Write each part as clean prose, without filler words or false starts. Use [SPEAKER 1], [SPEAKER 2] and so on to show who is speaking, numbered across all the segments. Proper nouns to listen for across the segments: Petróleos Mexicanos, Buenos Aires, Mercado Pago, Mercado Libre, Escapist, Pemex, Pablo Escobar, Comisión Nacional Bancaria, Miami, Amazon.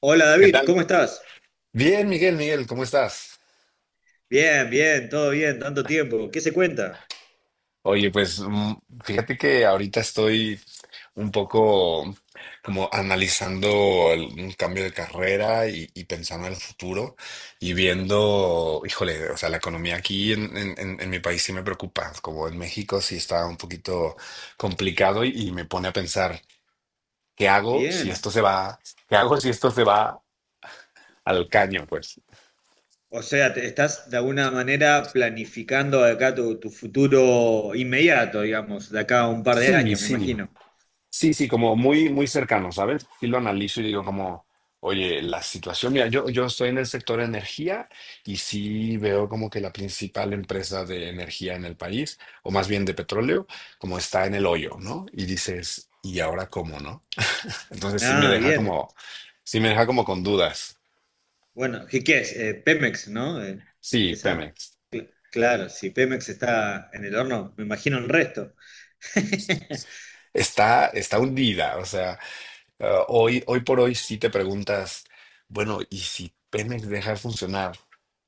[SPEAKER 1] Hola
[SPEAKER 2] ¿Qué
[SPEAKER 1] David,
[SPEAKER 2] tal?
[SPEAKER 1] ¿cómo estás?
[SPEAKER 2] Bien, Miguel, ¿cómo estás?
[SPEAKER 1] Bien, bien, todo bien, tanto tiempo. ¿Qué se cuenta?
[SPEAKER 2] Oye, pues fíjate que ahorita estoy un poco como analizando un cambio de carrera y pensando en el futuro y viendo, híjole, o sea, la economía aquí en mi país sí me preocupa, como en México sí está un poquito complicado y me pone a pensar, ¿qué hago si esto
[SPEAKER 1] Bien.
[SPEAKER 2] se va? ¿Qué hago si esto se va al caño? Pues
[SPEAKER 1] O sea, estás de alguna manera planificando de acá tu, tu futuro inmediato, digamos, de acá a un par de
[SPEAKER 2] sí,
[SPEAKER 1] años, me
[SPEAKER 2] sí.
[SPEAKER 1] imagino.
[SPEAKER 2] Sí, sí, como muy, muy cercano, ¿sabes? Y lo analizo y digo
[SPEAKER 1] Mm.
[SPEAKER 2] como, oye, la situación, mira, yo estoy en el sector energía y sí veo como que la principal empresa de energía en el país, o más bien de petróleo, como está en el hoyo, ¿no? Y dices, ¿y ahora cómo, no? Entonces sí me
[SPEAKER 1] Ah,
[SPEAKER 2] deja
[SPEAKER 1] bien.
[SPEAKER 2] como, sí me deja como con dudas.
[SPEAKER 1] Bueno, ¿qué es? Pemex, ¿no?
[SPEAKER 2] Sí,
[SPEAKER 1] Esa.
[SPEAKER 2] Pemex.
[SPEAKER 1] Claro, si Pemex está en el horno, me imagino el resto.
[SPEAKER 2] Está, está hundida, o sea. Ah, hoy, hoy por hoy si te preguntas, bueno, ¿y si Pemex deja de funcionar?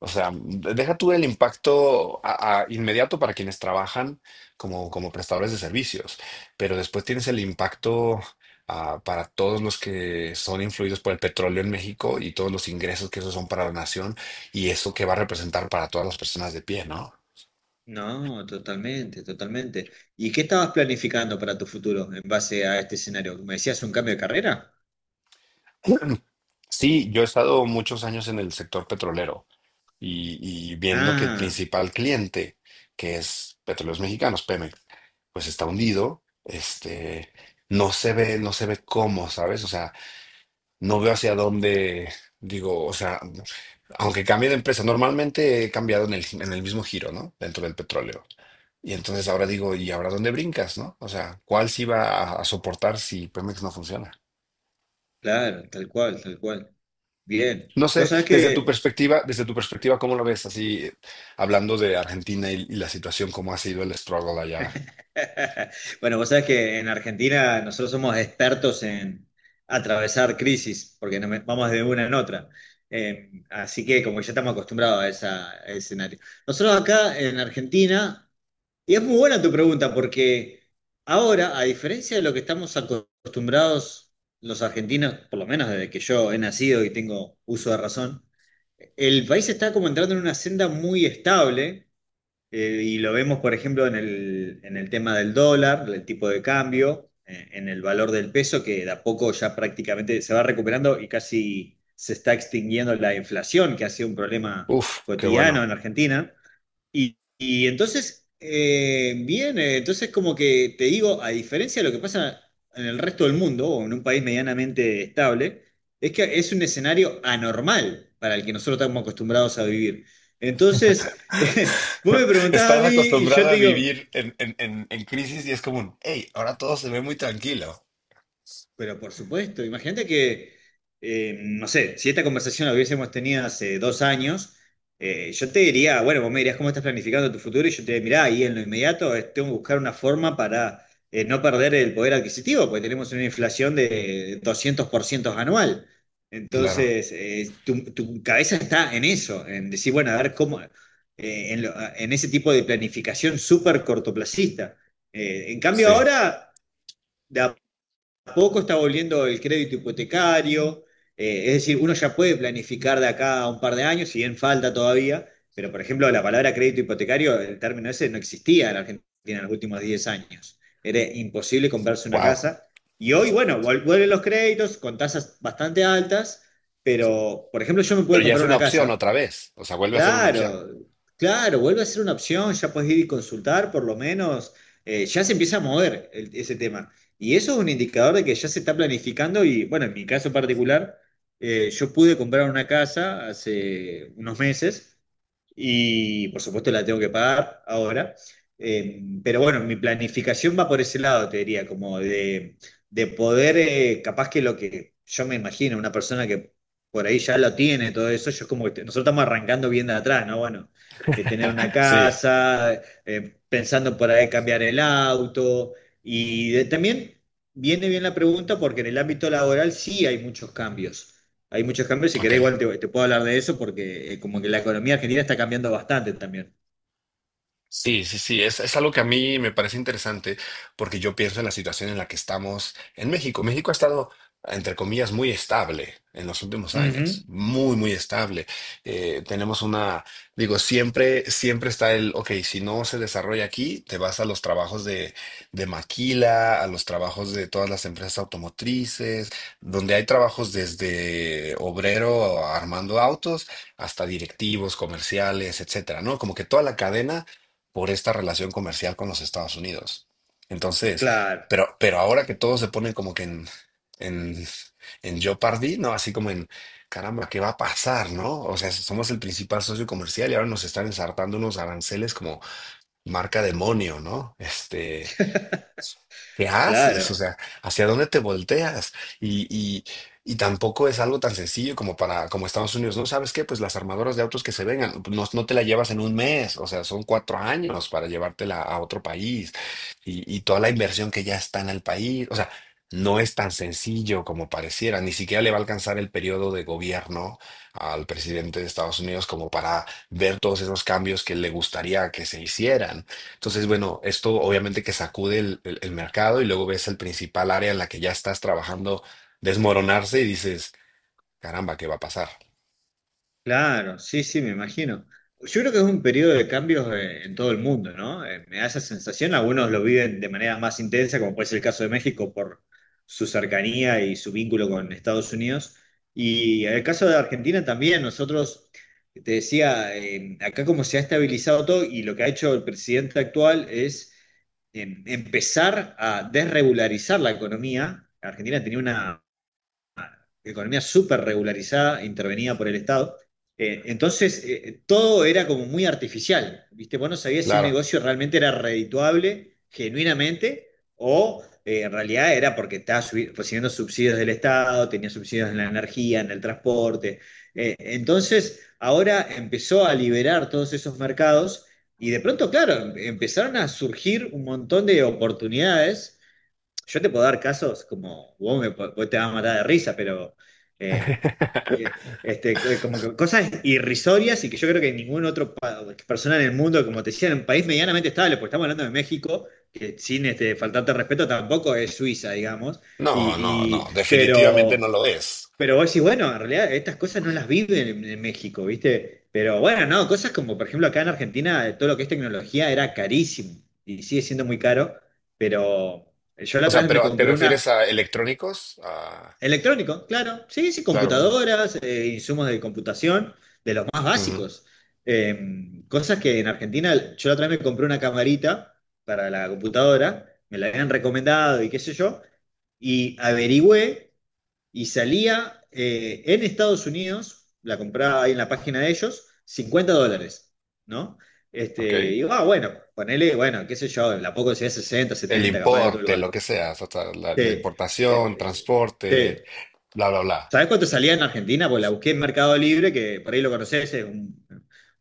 [SPEAKER 2] O sea, deja tú el impacto a inmediato para quienes trabajan como, como prestadores de servicios, pero después tienes el impacto ah, para todos los que son influidos por el petróleo en México y todos los ingresos que esos son para la nación y eso que va a representar para todas las personas de pie, ¿no?
[SPEAKER 1] No, totalmente, totalmente. ¿Y qué estabas planificando para tu futuro en base a este escenario? ¿Me decías un cambio de carrera?
[SPEAKER 2] Sí, yo he estado muchos años en el sector petrolero y viendo que el
[SPEAKER 1] Ah,
[SPEAKER 2] principal cliente, que es Petróleos Mexicanos, Pemex, pues está hundido, este, no se ve, no se ve cómo, ¿sabes? O sea, no veo hacia dónde, digo, o sea, aunque cambie de empresa, normalmente he cambiado en el mismo giro, ¿no? Dentro del petróleo. Y entonces ahora digo, ¿y ahora dónde brincas, no? O sea, ¿cuál sí va a soportar si Pemex no funciona?
[SPEAKER 1] claro, tal cual, tal cual. Bien.
[SPEAKER 2] No
[SPEAKER 1] Vos
[SPEAKER 2] sé,
[SPEAKER 1] sabés que,
[SPEAKER 2] desde tu perspectiva, ¿cómo lo ves? Así, hablando de Argentina y la situación, ¿cómo ha sido el struggle allá?
[SPEAKER 1] bueno, vos sabés que en Argentina nosotros somos expertos en atravesar crisis, porque no me- vamos de una en otra. Así que como que ya estamos acostumbrados a esa, a ese escenario. Nosotros acá en Argentina. Y es muy buena tu pregunta, porque ahora, a diferencia de lo que estamos acostumbrados los argentinos, por lo menos desde que yo he nacido y tengo uso de razón, el país está como entrando en una senda muy estable, y lo vemos, por ejemplo, en el tema del dólar, el tipo de cambio, en el valor del peso, que de a poco ya prácticamente se va recuperando y casi se está extinguiendo la inflación, que ha sido un problema
[SPEAKER 2] Uf, qué
[SPEAKER 1] cotidiano
[SPEAKER 2] bueno.
[SPEAKER 1] en Argentina. Y entonces, bien, entonces como que te digo, a diferencia de lo que pasa en el resto del mundo o en un país medianamente estable, es que es un escenario anormal para el que nosotros estamos acostumbrados a vivir. Entonces, vos me preguntás a
[SPEAKER 2] Estás
[SPEAKER 1] mí y yo
[SPEAKER 2] acostumbrado
[SPEAKER 1] te
[SPEAKER 2] a
[SPEAKER 1] digo,
[SPEAKER 2] vivir en crisis y es como un, hey, ahora todo se ve muy tranquilo.
[SPEAKER 1] pero por supuesto, imagínate que, no sé, si esta conversación la hubiésemos tenido hace 2 años, yo te diría, bueno, vos me dirías cómo estás planificando tu futuro y yo te diría, mirá, ahí en lo inmediato tengo que buscar una forma para no perder el poder adquisitivo, porque tenemos una inflación de 200% anual.
[SPEAKER 2] Claro.
[SPEAKER 1] Entonces, tu, tu cabeza está en eso, en decir, bueno, a ver cómo, en ese tipo de planificación súper cortoplacista. En cambio,
[SPEAKER 2] Sí.
[SPEAKER 1] ahora poco está volviendo el crédito hipotecario, es decir, uno ya puede planificar de acá a un par de años, si bien falta todavía, pero por ejemplo la palabra crédito hipotecario, el término ese no existía en la Argentina en los últimos 10 años. Era imposible comprarse una
[SPEAKER 2] Wow.
[SPEAKER 1] casa. Y hoy, bueno, vuelven los créditos con tasas bastante altas, pero por ejemplo yo me pude
[SPEAKER 2] Pero ya es
[SPEAKER 1] comprar
[SPEAKER 2] una
[SPEAKER 1] una
[SPEAKER 2] opción
[SPEAKER 1] casa.
[SPEAKER 2] otra vez. O sea, vuelve a ser una opción.
[SPEAKER 1] Claro, claro, vuelve a ser una opción, ya puedes ir y consultar, por lo menos, ya se empieza a mover ese tema. Y eso es un indicador de que ya se está planificando y, bueno, en mi caso particular, yo pude comprar una casa hace unos meses y por supuesto la tengo que pagar ahora. Pero bueno, mi planificación va por ese lado, te diría, como de poder, capaz que lo que yo me imagino, una persona que por ahí ya lo tiene, todo eso, yo es como que nosotros estamos arrancando bien de atrás, ¿no? Bueno, de tener una
[SPEAKER 2] Sí.
[SPEAKER 1] casa, pensando por ahí cambiar el auto, y también viene bien la pregunta porque en el ámbito laboral sí hay muchos cambios, hay muchos cambios. Si
[SPEAKER 2] Ok.
[SPEAKER 1] querés, igual te, te puedo hablar de eso porque como que la economía argentina está cambiando bastante también.
[SPEAKER 2] Sí, sí, sí, es algo que a mí me parece interesante porque yo pienso en la situación en la que estamos en México. México ha estado, entre comillas, muy estable en los últimos años,
[SPEAKER 1] Ujú.
[SPEAKER 2] muy, muy estable. Tenemos una, digo, siempre, siempre está el, ok, si no se desarrolla aquí, te vas a los trabajos de maquila, a los trabajos de todas las empresas automotrices, donde hay trabajos desde obrero armando autos hasta directivos, comerciales, etcétera, ¿no? Como que toda la cadena por esta relación comercial con los Estados Unidos. Entonces,
[SPEAKER 1] Claro,
[SPEAKER 2] pero ahora que todos se ponen como que en, en jeopardy, ¿no? Así como en, caramba, ¿qué va a pasar, no? O sea, somos el principal socio comercial y ahora nos están ensartando unos aranceles como marca demonio, ¿no? Este, ¿qué haces? O
[SPEAKER 1] claro,
[SPEAKER 2] sea, ¿hacia dónde te volteas? Y, y, y tampoco es algo tan sencillo como para, como Estados Unidos, ¿no? ¿Sabes qué? Pues las armadoras de autos que se vengan, no, no te la llevas en un mes, o sea, son cuatro años para llevártela a otro país y toda la inversión que ya está en el país, o sea, no es tan sencillo como pareciera, ni siquiera le va a alcanzar el periodo de gobierno al presidente de Estados Unidos como para ver todos esos cambios que le gustaría que se hicieran. Entonces, bueno, esto obviamente que sacude el, el mercado y luego ves el principal área en la que ya estás trabajando desmoronarse y dices, caramba, ¿qué va a pasar?
[SPEAKER 1] claro, sí, sí, me imagino. Yo creo que es un periodo de cambios en todo el mundo, ¿no? Me da esa sensación, algunos lo viven de manera más intensa, como puede ser el caso de México por su cercanía y su vínculo con Estados Unidos. Y en el caso de Argentina también, nosotros, te decía, acá como se ha estabilizado todo y lo que ha hecho el presidente actual es en empezar a desregularizar la economía. Argentina tenía una economía súper regularizada, intervenida por el Estado. Entonces, todo era como muy artificial, ¿viste? Vos no sabías si un
[SPEAKER 2] Claro.
[SPEAKER 1] negocio realmente era redituable, genuinamente, o en realidad era porque estaba recibiendo subsidios del Estado, tenía subsidios en la energía, en el transporte. Entonces, ahora empezó a liberar todos esos mercados y de pronto, claro, empezaron a surgir un montón de oportunidades. Yo te puedo dar casos como vos, vos te vas a matar de risa, pero eh, eh, como que cosas irrisorias y que yo creo que ningún otro persona en el mundo, como te decía, en un país medianamente estable, porque estamos hablando de México, que sin este, faltarte respeto tampoco es Suiza, digamos.
[SPEAKER 2] No, no,
[SPEAKER 1] Y, y-
[SPEAKER 2] no, definitivamente
[SPEAKER 1] pero
[SPEAKER 2] no lo es.
[SPEAKER 1] pero vos decís, bueno, en realidad estas cosas no las viven en México, ¿viste? Pero bueno, no, cosas como, por ejemplo, acá en Argentina, todo lo que es tecnología era carísimo y sigue siendo muy caro, pero yo la
[SPEAKER 2] O
[SPEAKER 1] otra
[SPEAKER 2] sea,
[SPEAKER 1] vez me
[SPEAKER 2] pero ¿te
[SPEAKER 1] compré
[SPEAKER 2] refieres
[SPEAKER 1] una
[SPEAKER 2] a electrónicos? A-
[SPEAKER 1] electrónico, claro, sí, sí,
[SPEAKER 2] claro, un-
[SPEAKER 1] computadoras, insumos de computación, de los más
[SPEAKER 2] ujú,
[SPEAKER 1] básicos. Cosas que en Argentina, yo la otra vez me compré una camarita para la computadora, me la habían recomendado y qué sé yo, y averigüé y salía en Estados Unidos, la compraba ahí en la página de ellos, 50 dólares, ¿no? Este,
[SPEAKER 2] ok.
[SPEAKER 1] y digo, ah, bueno, ponele, bueno, qué sé yo, la poco sería 60
[SPEAKER 2] El
[SPEAKER 1] 70 capaz de otro
[SPEAKER 2] importe,
[SPEAKER 1] lugar.
[SPEAKER 2] lo que sea, hasta la, la
[SPEAKER 1] Te-
[SPEAKER 2] importación,
[SPEAKER 1] eh,
[SPEAKER 2] transporte,
[SPEAKER 1] te-
[SPEAKER 2] bla, bla, bla.
[SPEAKER 1] ¿Sabés cuánto salía en Argentina? Pues la busqué en Mercado Libre, que por ahí lo conocés, es un,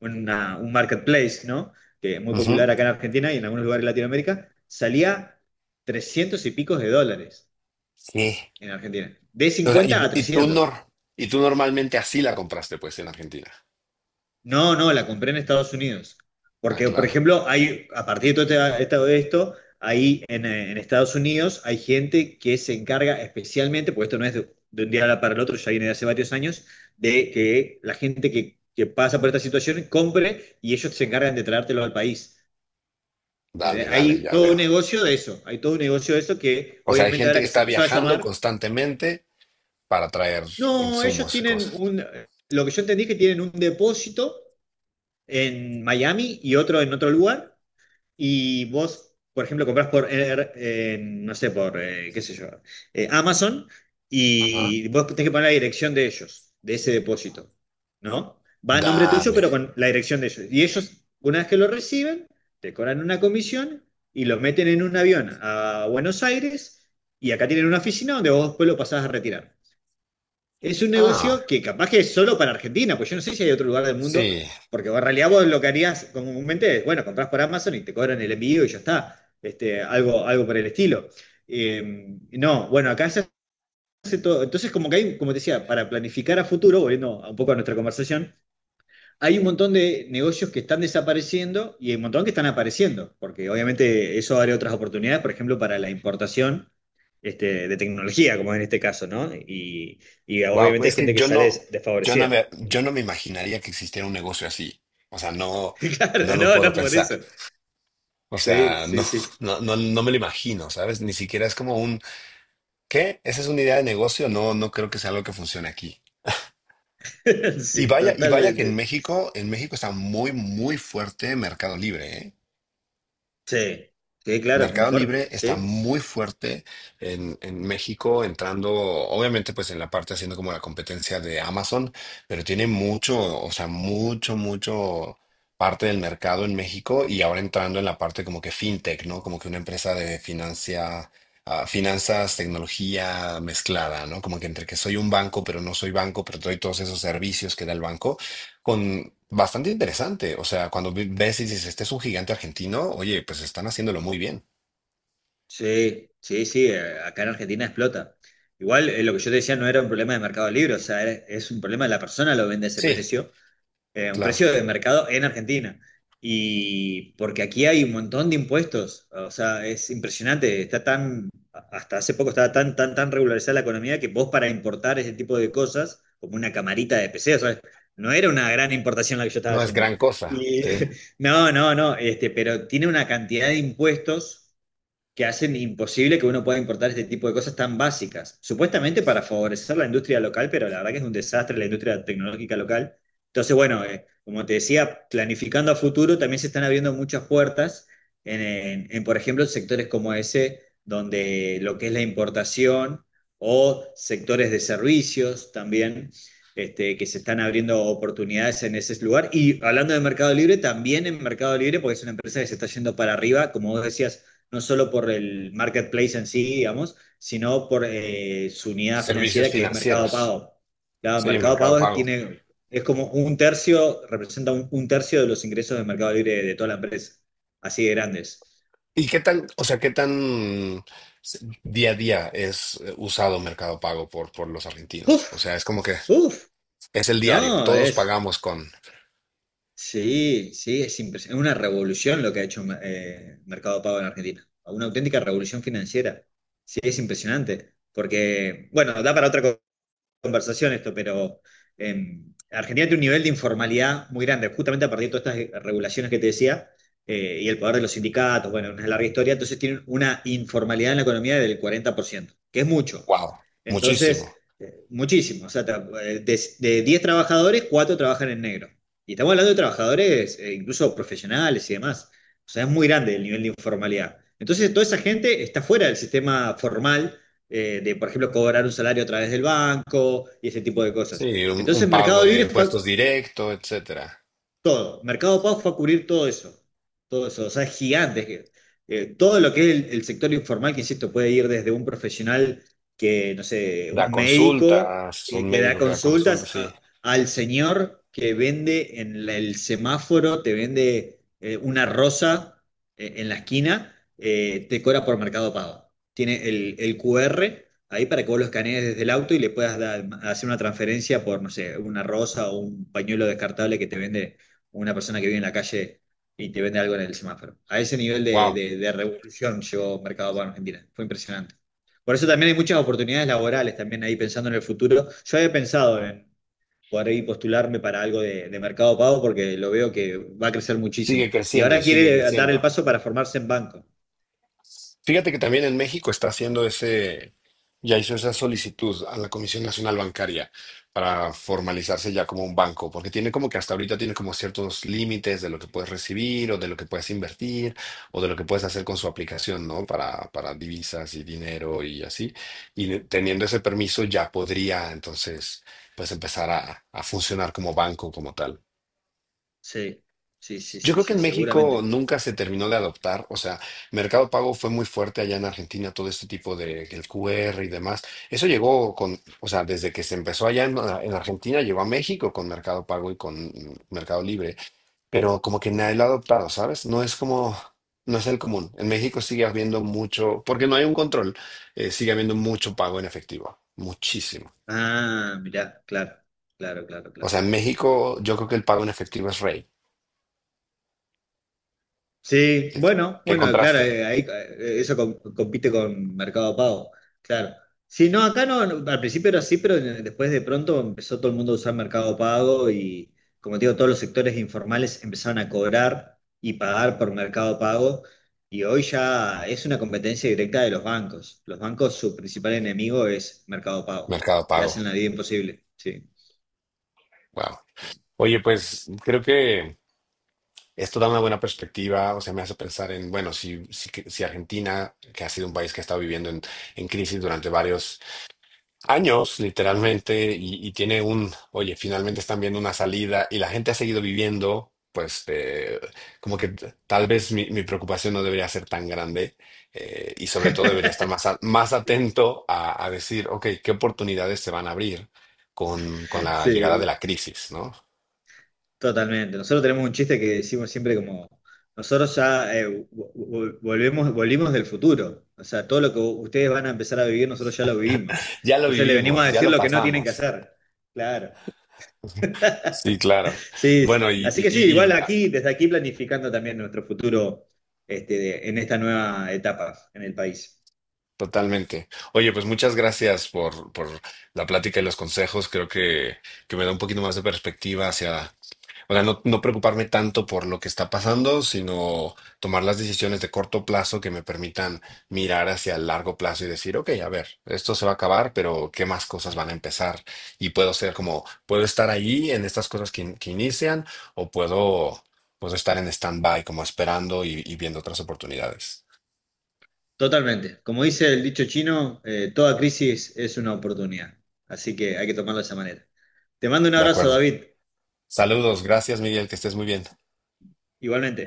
[SPEAKER 1] un marketplace, ¿no? Que es muy
[SPEAKER 2] Ujú.
[SPEAKER 1] popular acá en Argentina y en algunos lugares de Latinoamérica. Salía 300 y picos de dólares
[SPEAKER 2] Sí.
[SPEAKER 1] en Argentina. De
[SPEAKER 2] O sea,
[SPEAKER 1] 50 a
[SPEAKER 2] y tú
[SPEAKER 1] 300.
[SPEAKER 2] nor- y tú normalmente así la compraste, pues, en Argentina.
[SPEAKER 1] No, no, la compré en Estados Unidos.
[SPEAKER 2] Ah,
[SPEAKER 1] Porque, por
[SPEAKER 2] claro.
[SPEAKER 1] ejemplo, hay, a partir de todo todo esto, ahí en Estados Unidos hay gente que se encarga especialmente, porque esto no es de un día para el otro, ya viene de hace varios años, de que la gente que pasa por esta situación compre y ellos se encargan de traértelo al país.
[SPEAKER 2] Dale, dale,
[SPEAKER 1] Hay
[SPEAKER 2] ya
[SPEAKER 1] todo
[SPEAKER 2] veo.
[SPEAKER 1] un negocio de eso, hay todo un negocio de eso que
[SPEAKER 2] O sea, hay
[SPEAKER 1] obviamente
[SPEAKER 2] gente
[SPEAKER 1] ahora
[SPEAKER 2] que
[SPEAKER 1] que se
[SPEAKER 2] está
[SPEAKER 1] empezó a
[SPEAKER 2] viajando
[SPEAKER 1] desarmar,
[SPEAKER 2] constantemente para traer
[SPEAKER 1] no, ellos
[SPEAKER 2] insumos y
[SPEAKER 1] tienen
[SPEAKER 2] cosas.
[SPEAKER 1] un, lo que yo entendí es que tienen un depósito en Miami y otro en otro lugar. Y vos, por ejemplo, compras por, en, no sé, por, qué sé yo, Amazon,
[SPEAKER 2] Ajá.
[SPEAKER 1] y vos tenés que poner la dirección de ellos, de ese depósito, ¿no? Va a nombre tuyo,
[SPEAKER 2] Dale.
[SPEAKER 1] pero con la dirección de ellos. Y ellos, una vez que lo reciben, te cobran una comisión y lo meten en un avión a Buenos Aires, y acá tienen una oficina donde vos después lo pasás a retirar. Es un
[SPEAKER 2] Ah,
[SPEAKER 1] negocio que capaz que es solo para Argentina, pues yo no sé si hay otro lugar del mundo,
[SPEAKER 2] sí.
[SPEAKER 1] porque en realidad vos lo que harías comúnmente es, bueno, comprás por Amazon y te cobran el envío y ya está, este, algo, algo por el estilo. No, bueno, acá se hace todo, entonces como que hay, como te decía, para planificar a futuro, volviendo a un poco a nuestra conversación, hay un montón de negocios que están desapareciendo y hay un montón que están apareciendo, porque obviamente eso abre otras oportunidades, por ejemplo, para la importación, este, de tecnología, como en este caso, ¿no? Y
[SPEAKER 2] Wow,
[SPEAKER 1] obviamente hay
[SPEAKER 2] es que
[SPEAKER 1] gente que
[SPEAKER 2] yo
[SPEAKER 1] sale
[SPEAKER 2] no,
[SPEAKER 1] desfavorecida.
[SPEAKER 2] yo no me imaginaría que existiera un negocio así. O sea, no, no
[SPEAKER 1] Claro,
[SPEAKER 2] lo
[SPEAKER 1] no,
[SPEAKER 2] puedo
[SPEAKER 1] no, por
[SPEAKER 2] pensar.
[SPEAKER 1] eso.
[SPEAKER 2] O
[SPEAKER 1] Sí,
[SPEAKER 2] sea, no,
[SPEAKER 1] sí, sí. Sí,
[SPEAKER 2] no, no, no me lo imagino, ¿sabes? Ni siquiera es como un, ¿qué? ¿Esa es una idea de negocio? No, no creo que sea algo que funcione aquí.
[SPEAKER 1] sí,
[SPEAKER 2] Y vaya que
[SPEAKER 1] totalmente.
[SPEAKER 2] En México está muy, muy fuerte Mercado Libre, ¿eh?
[SPEAKER 1] Sí, sí, claro, muy
[SPEAKER 2] Mercado
[SPEAKER 1] fuerte.
[SPEAKER 2] Libre está
[SPEAKER 1] Sí,
[SPEAKER 2] muy fuerte en México, entrando, obviamente, pues en la parte haciendo como la competencia de Amazon, pero tiene mucho, o sea, mucho, mucho parte del mercado en México y ahora entrando en la parte como que fintech, ¿no? Como que una empresa de financia, ah, finanzas, tecnología mezclada, ¿no? Como que entre que soy un banco, pero no soy banco, pero doy todos esos servicios que da el banco, con bastante interesante. O sea, cuando ves y dices, este es un gigante argentino, oye, pues están haciéndolo muy bien.
[SPEAKER 1] sí, sí, sí, acá en Argentina explota. Igual, lo que yo te decía no era un problema de Mercado Libre, o sea, es un problema de la persona lo vende a ese
[SPEAKER 2] Sí,
[SPEAKER 1] precio, un
[SPEAKER 2] claro.
[SPEAKER 1] precio de mercado en Argentina. Y porque aquí hay un montón de impuestos, o sea, es impresionante, está tan, hasta hace poco estaba tan, tan, tan regularizada la economía que vos para importar ese tipo de cosas, como una camarita de PC, o sea, no era una gran importación la que yo estaba
[SPEAKER 2] No es
[SPEAKER 1] haciendo.
[SPEAKER 2] gran cosa,
[SPEAKER 1] Y,
[SPEAKER 2] sí.
[SPEAKER 1] no, no, no, este, pero tiene una cantidad de impuestos que hacen imposible que uno pueda importar este tipo de cosas tan básicas, supuestamente para favorecer la industria local, pero la verdad que es un desastre la industria tecnológica local. Entonces, bueno, como te decía, planificando a futuro, también se están abriendo muchas puertas en, por ejemplo, sectores como ese, donde lo que es la importación o sectores de servicios también. Este, que se están abriendo oportunidades en ese lugar. Y hablando de Mercado Libre, también en Mercado Libre, porque es una empresa que se está yendo para arriba, como vos decías, no solo por el marketplace en sí, digamos, sino por su unidad
[SPEAKER 2] Servicios
[SPEAKER 1] financiera que es Mercado
[SPEAKER 2] financieros,
[SPEAKER 1] Pago. Claro,
[SPEAKER 2] sí,
[SPEAKER 1] Mercado
[SPEAKER 2] Mercado
[SPEAKER 1] Pago es-
[SPEAKER 2] Pago.
[SPEAKER 1] tiene, es como un tercio, representa un tercio de los ingresos de Mercado Libre de toda la empresa, así de grandes.
[SPEAKER 2] ¿Y qué tan, o sea, qué tan día a día es usado Mercado Pago por los argentinos?
[SPEAKER 1] Uf,
[SPEAKER 2] O sea, es como que
[SPEAKER 1] uf,
[SPEAKER 2] es el diario.
[SPEAKER 1] no,
[SPEAKER 2] Todos
[SPEAKER 1] es,
[SPEAKER 2] pagamos con,
[SPEAKER 1] sí, sí, es impresionante, es una revolución lo que ha hecho Mercado Pago en Argentina, una auténtica revolución financiera. Sí, es impresionante, porque, bueno, da para otra conversación esto, pero eh, Argentina tiene un nivel de informalidad muy grande, justamente a partir de todas estas regulaciones que te decía, y el poder de los sindicatos, bueno, una larga historia, entonces tienen una informalidad en la economía del 40%, que es mucho.
[SPEAKER 2] wow,
[SPEAKER 1] Entonces,
[SPEAKER 2] muchísimo.
[SPEAKER 1] muchísimo. O sea, de 10 trabajadores, 4 trabajan en negro. Y estamos hablando de trabajadores, incluso profesionales y demás. O sea, es muy grande el nivel de informalidad. Entonces, toda esa gente está fuera del sistema formal de, por ejemplo, cobrar un salario a través del banco y ese tipo de
[SPEAKER 2] Sí,
[SPEAKER 1] cosas.
[SPEAKER 2] un
[SPEAKER 1] Entonces,
[SPEAKER 2] pago
[SPEAKER 1] Mercado
[SPEAKER 2] de
[SPEAKER 1] Libre fue
[SPEAKER 2] impuestos directo, etcétera.
[SPEAKER 1] todo. Mercado Pago fue a cubrir todo eso. Todo eso. O sea, es gigante. Todo lo que es el sector informal, que insisto, puede ir desde un profesional que, no sé,
[SPEAKER 2] Da
[SPEAKER 1] un médico
[SPEAKER 2] consultas, un
[SPEAKER 1] que da
[SPEAKER 2] médico que da consultas,
[SPEAKER 1] consultas,
[SPEAKER 2] sí.
[SPEAKER 1] al señor que vende en el semáforo, te vende una rosa en la esquina, te cobra por Mercado Pago. Tiene el QR ahí para que vos lo escanees desde el auto y le puedas hacer una transferencia por, no sé, una rosa o un pañuelo descartable que te vende una persona que vive en la calle y te vende algo en el semáforo. A ese nivel de,
[SPEAKER 2] Wow,
[SPEAKER 1] de revolución llegó Mercado Pago en Argentina. Fue impresionante. Por eso también hay muchas oportunidades laborales también ahí pensando en el futuro. Yo había pensado en poder ahí postularme para algo de Mercado Pago porque lo veo que va a crecer muchísimo.
[SPEAKER 2] sigue
[SPEAKER 1] Y
[SPEAKER 2] creciendo y
[SPEAKER 1] ahora
[SPEAKER 2] sigue
[SPEAKER 1] quiere dar el
[SPEAKER 2] creciendo.
[SPEAKER 1] paso para formarse en banco.
[SPEAKER 2] Fíjate que también en México está haciendo ese, ya hizo esa solicitud a la Comisión Nacional Bancaria para formalizarse ya como un banco, porque tiene como que hasta ahorita tiene como ciertos límites de lo que puedes recibir o de lo que puedes invertir o de lo que puedes hacer con su aplicación, ¿no? Para divisas y dinero y así. Y teniendo ese permiso ya podría entonces pues empezar a funcionar como banco como tal.
[SPEAKER 1] Sí, sí, sí,
[SPEAKER 2] Yo
[SPEAKER 1] sí,
[SPEAKER 2] creo que
[SPEAKER 1] sí,
[SPEAKER 2] en México
[SPEAKER 1] seguramente.
[SPEAKER 2] nunca se terminó de adoptar, o sea, Mercado Pago fue muy fuerte allá en Argentina, todo este tipo de el QR y demás. Eso llegó con, o sea, desde que se empezó allá en Argentina, llegó a México con Mercado Pago y con Mercado Libre, pero como que nadie lo ha adoptado, ¿sabes? No es como, no es el común. En México sigue habiendo mucho, porque no hay un control, sigue habiendo mucho pago en efectivo, muchísimo.
[SPEAKER 1] Ah, mirá, claro, claro, claro,
[SPEAKER 2] O sea,
[SPEAKER 1] claro,
[SPEAKER 2] en
[SPEAKER 1] claro.
[SPEAKER 2] México yo creo que el pago en efectivo es rey.
[SPEAKER 1] Sí,
[SPEAKER 2] ¿Qué,
[SPEAKER 1] bueno,
[SPEAKER 2] qué
[SPEAKER 1] bueno, claro,
[SPEAKER 2] contraste?
[SPEAKER 1] ahí eso compite con Mercado Pago, claro. Sí, no, acá no, no, al principio era así, pero después de pronto empezó todo el mundo a usar Mercado Pago y, como te digo, todos los sectores informales empezaron a cobrar y pagar por Mercado Pago y hoy ya es una competencia directa de los bancos. Los bancos, su principal enemigo es Mercado Pago.
[SPEAKER 2] Mercado
[SPEAKER 1] Le
[SPEAKER 2] Pago.
[SPEAKER 1] hacen la vida imposible, sí.
[SPEAKER 2] Wow. Oye, pues creo que esto da una buena perspectiva, o sea, me hace pensar en, bueno, si, si, si Argentina, que ha sido un país que ha estado viviendo en crisis durante varios años, literalmente, y tiene un, oye, finalmente están viendo una salida y la gente ha seguido viviendo, pues como que t- tal vez mi, mi preocupación no debería ser tan grande y sobre todo debería estar más, a- más atento a decir, ok, ¿qué oportunidades se van a abrir con la llegada de
[SPEAKER 1] Sí.
[SPEAKER 2] la crisis, ¿no?
[SPEAKER 1] Totalmente. Nosotros tenemos un chiste que decimos siempre como, nosotros ya volvimos del futuro. O sea, todo lo que ustedes van a empezar a vivir, nosotros ya lo vivimos.
[SPEAKER 2] Ya lo
[SPEAKER 1] Entonces le venimos
[SPEAKER 2] vivimos,
[SPEAKER 1] a
[SPEAKER 2] ya
[SPEAKER 1] decir
[SPEAKER 2] lo
[SPEAKER 1] lo que no tienen que
[SPEAKER 2] pasamos.
[SPEAKER 1] hacer. Claro.
[SPEAKER 2] Sí, claro.
[SPEAKER 1] Sí, sí.
[SPEAKER 2] Bueno,
[SPEAKER 1] Así que sí, igual
[SPEAKER 2] ah,
[SPEAKER 1] aquí, desde aquí planificando también nuestro futuro este, en esta nueva etapa en el país.
[SPEAKER 2] totalmente. Oye, pues muchas gracias por la plática y los consejos. Creo que me da un poquito más de perspectiva hacia. O sea, no, no preocuparme tanto por lo que está pasando, sino tomar las decisiones de corto plazo que me permitan mirar hacia el largo plazo y decir, ok, a ver, esto se va a acabar, pero ¿qué más cosas van a empezar? Y puedo ser como, puedo estar ahí en estas cosas que, in- que inician o puedo, puedo estar en stand-by como esperando y viendo otras oportunidades.
[SPEAKER 1] Totalmente. Como dice el dicho chino, toda crisis es una oportunidad. Así que hay que tomarlo de esa manera. Te mando un
[SPEAKER 2] De
[SPEAKER 1] abrazo,
[SPEAKER 2] acuerdo.
[SPEAKER 1] David.
[SPEAKER 2] Saludos, gracias Miguel, que estés muy bien.
[SPEAKER 1] Igualmente.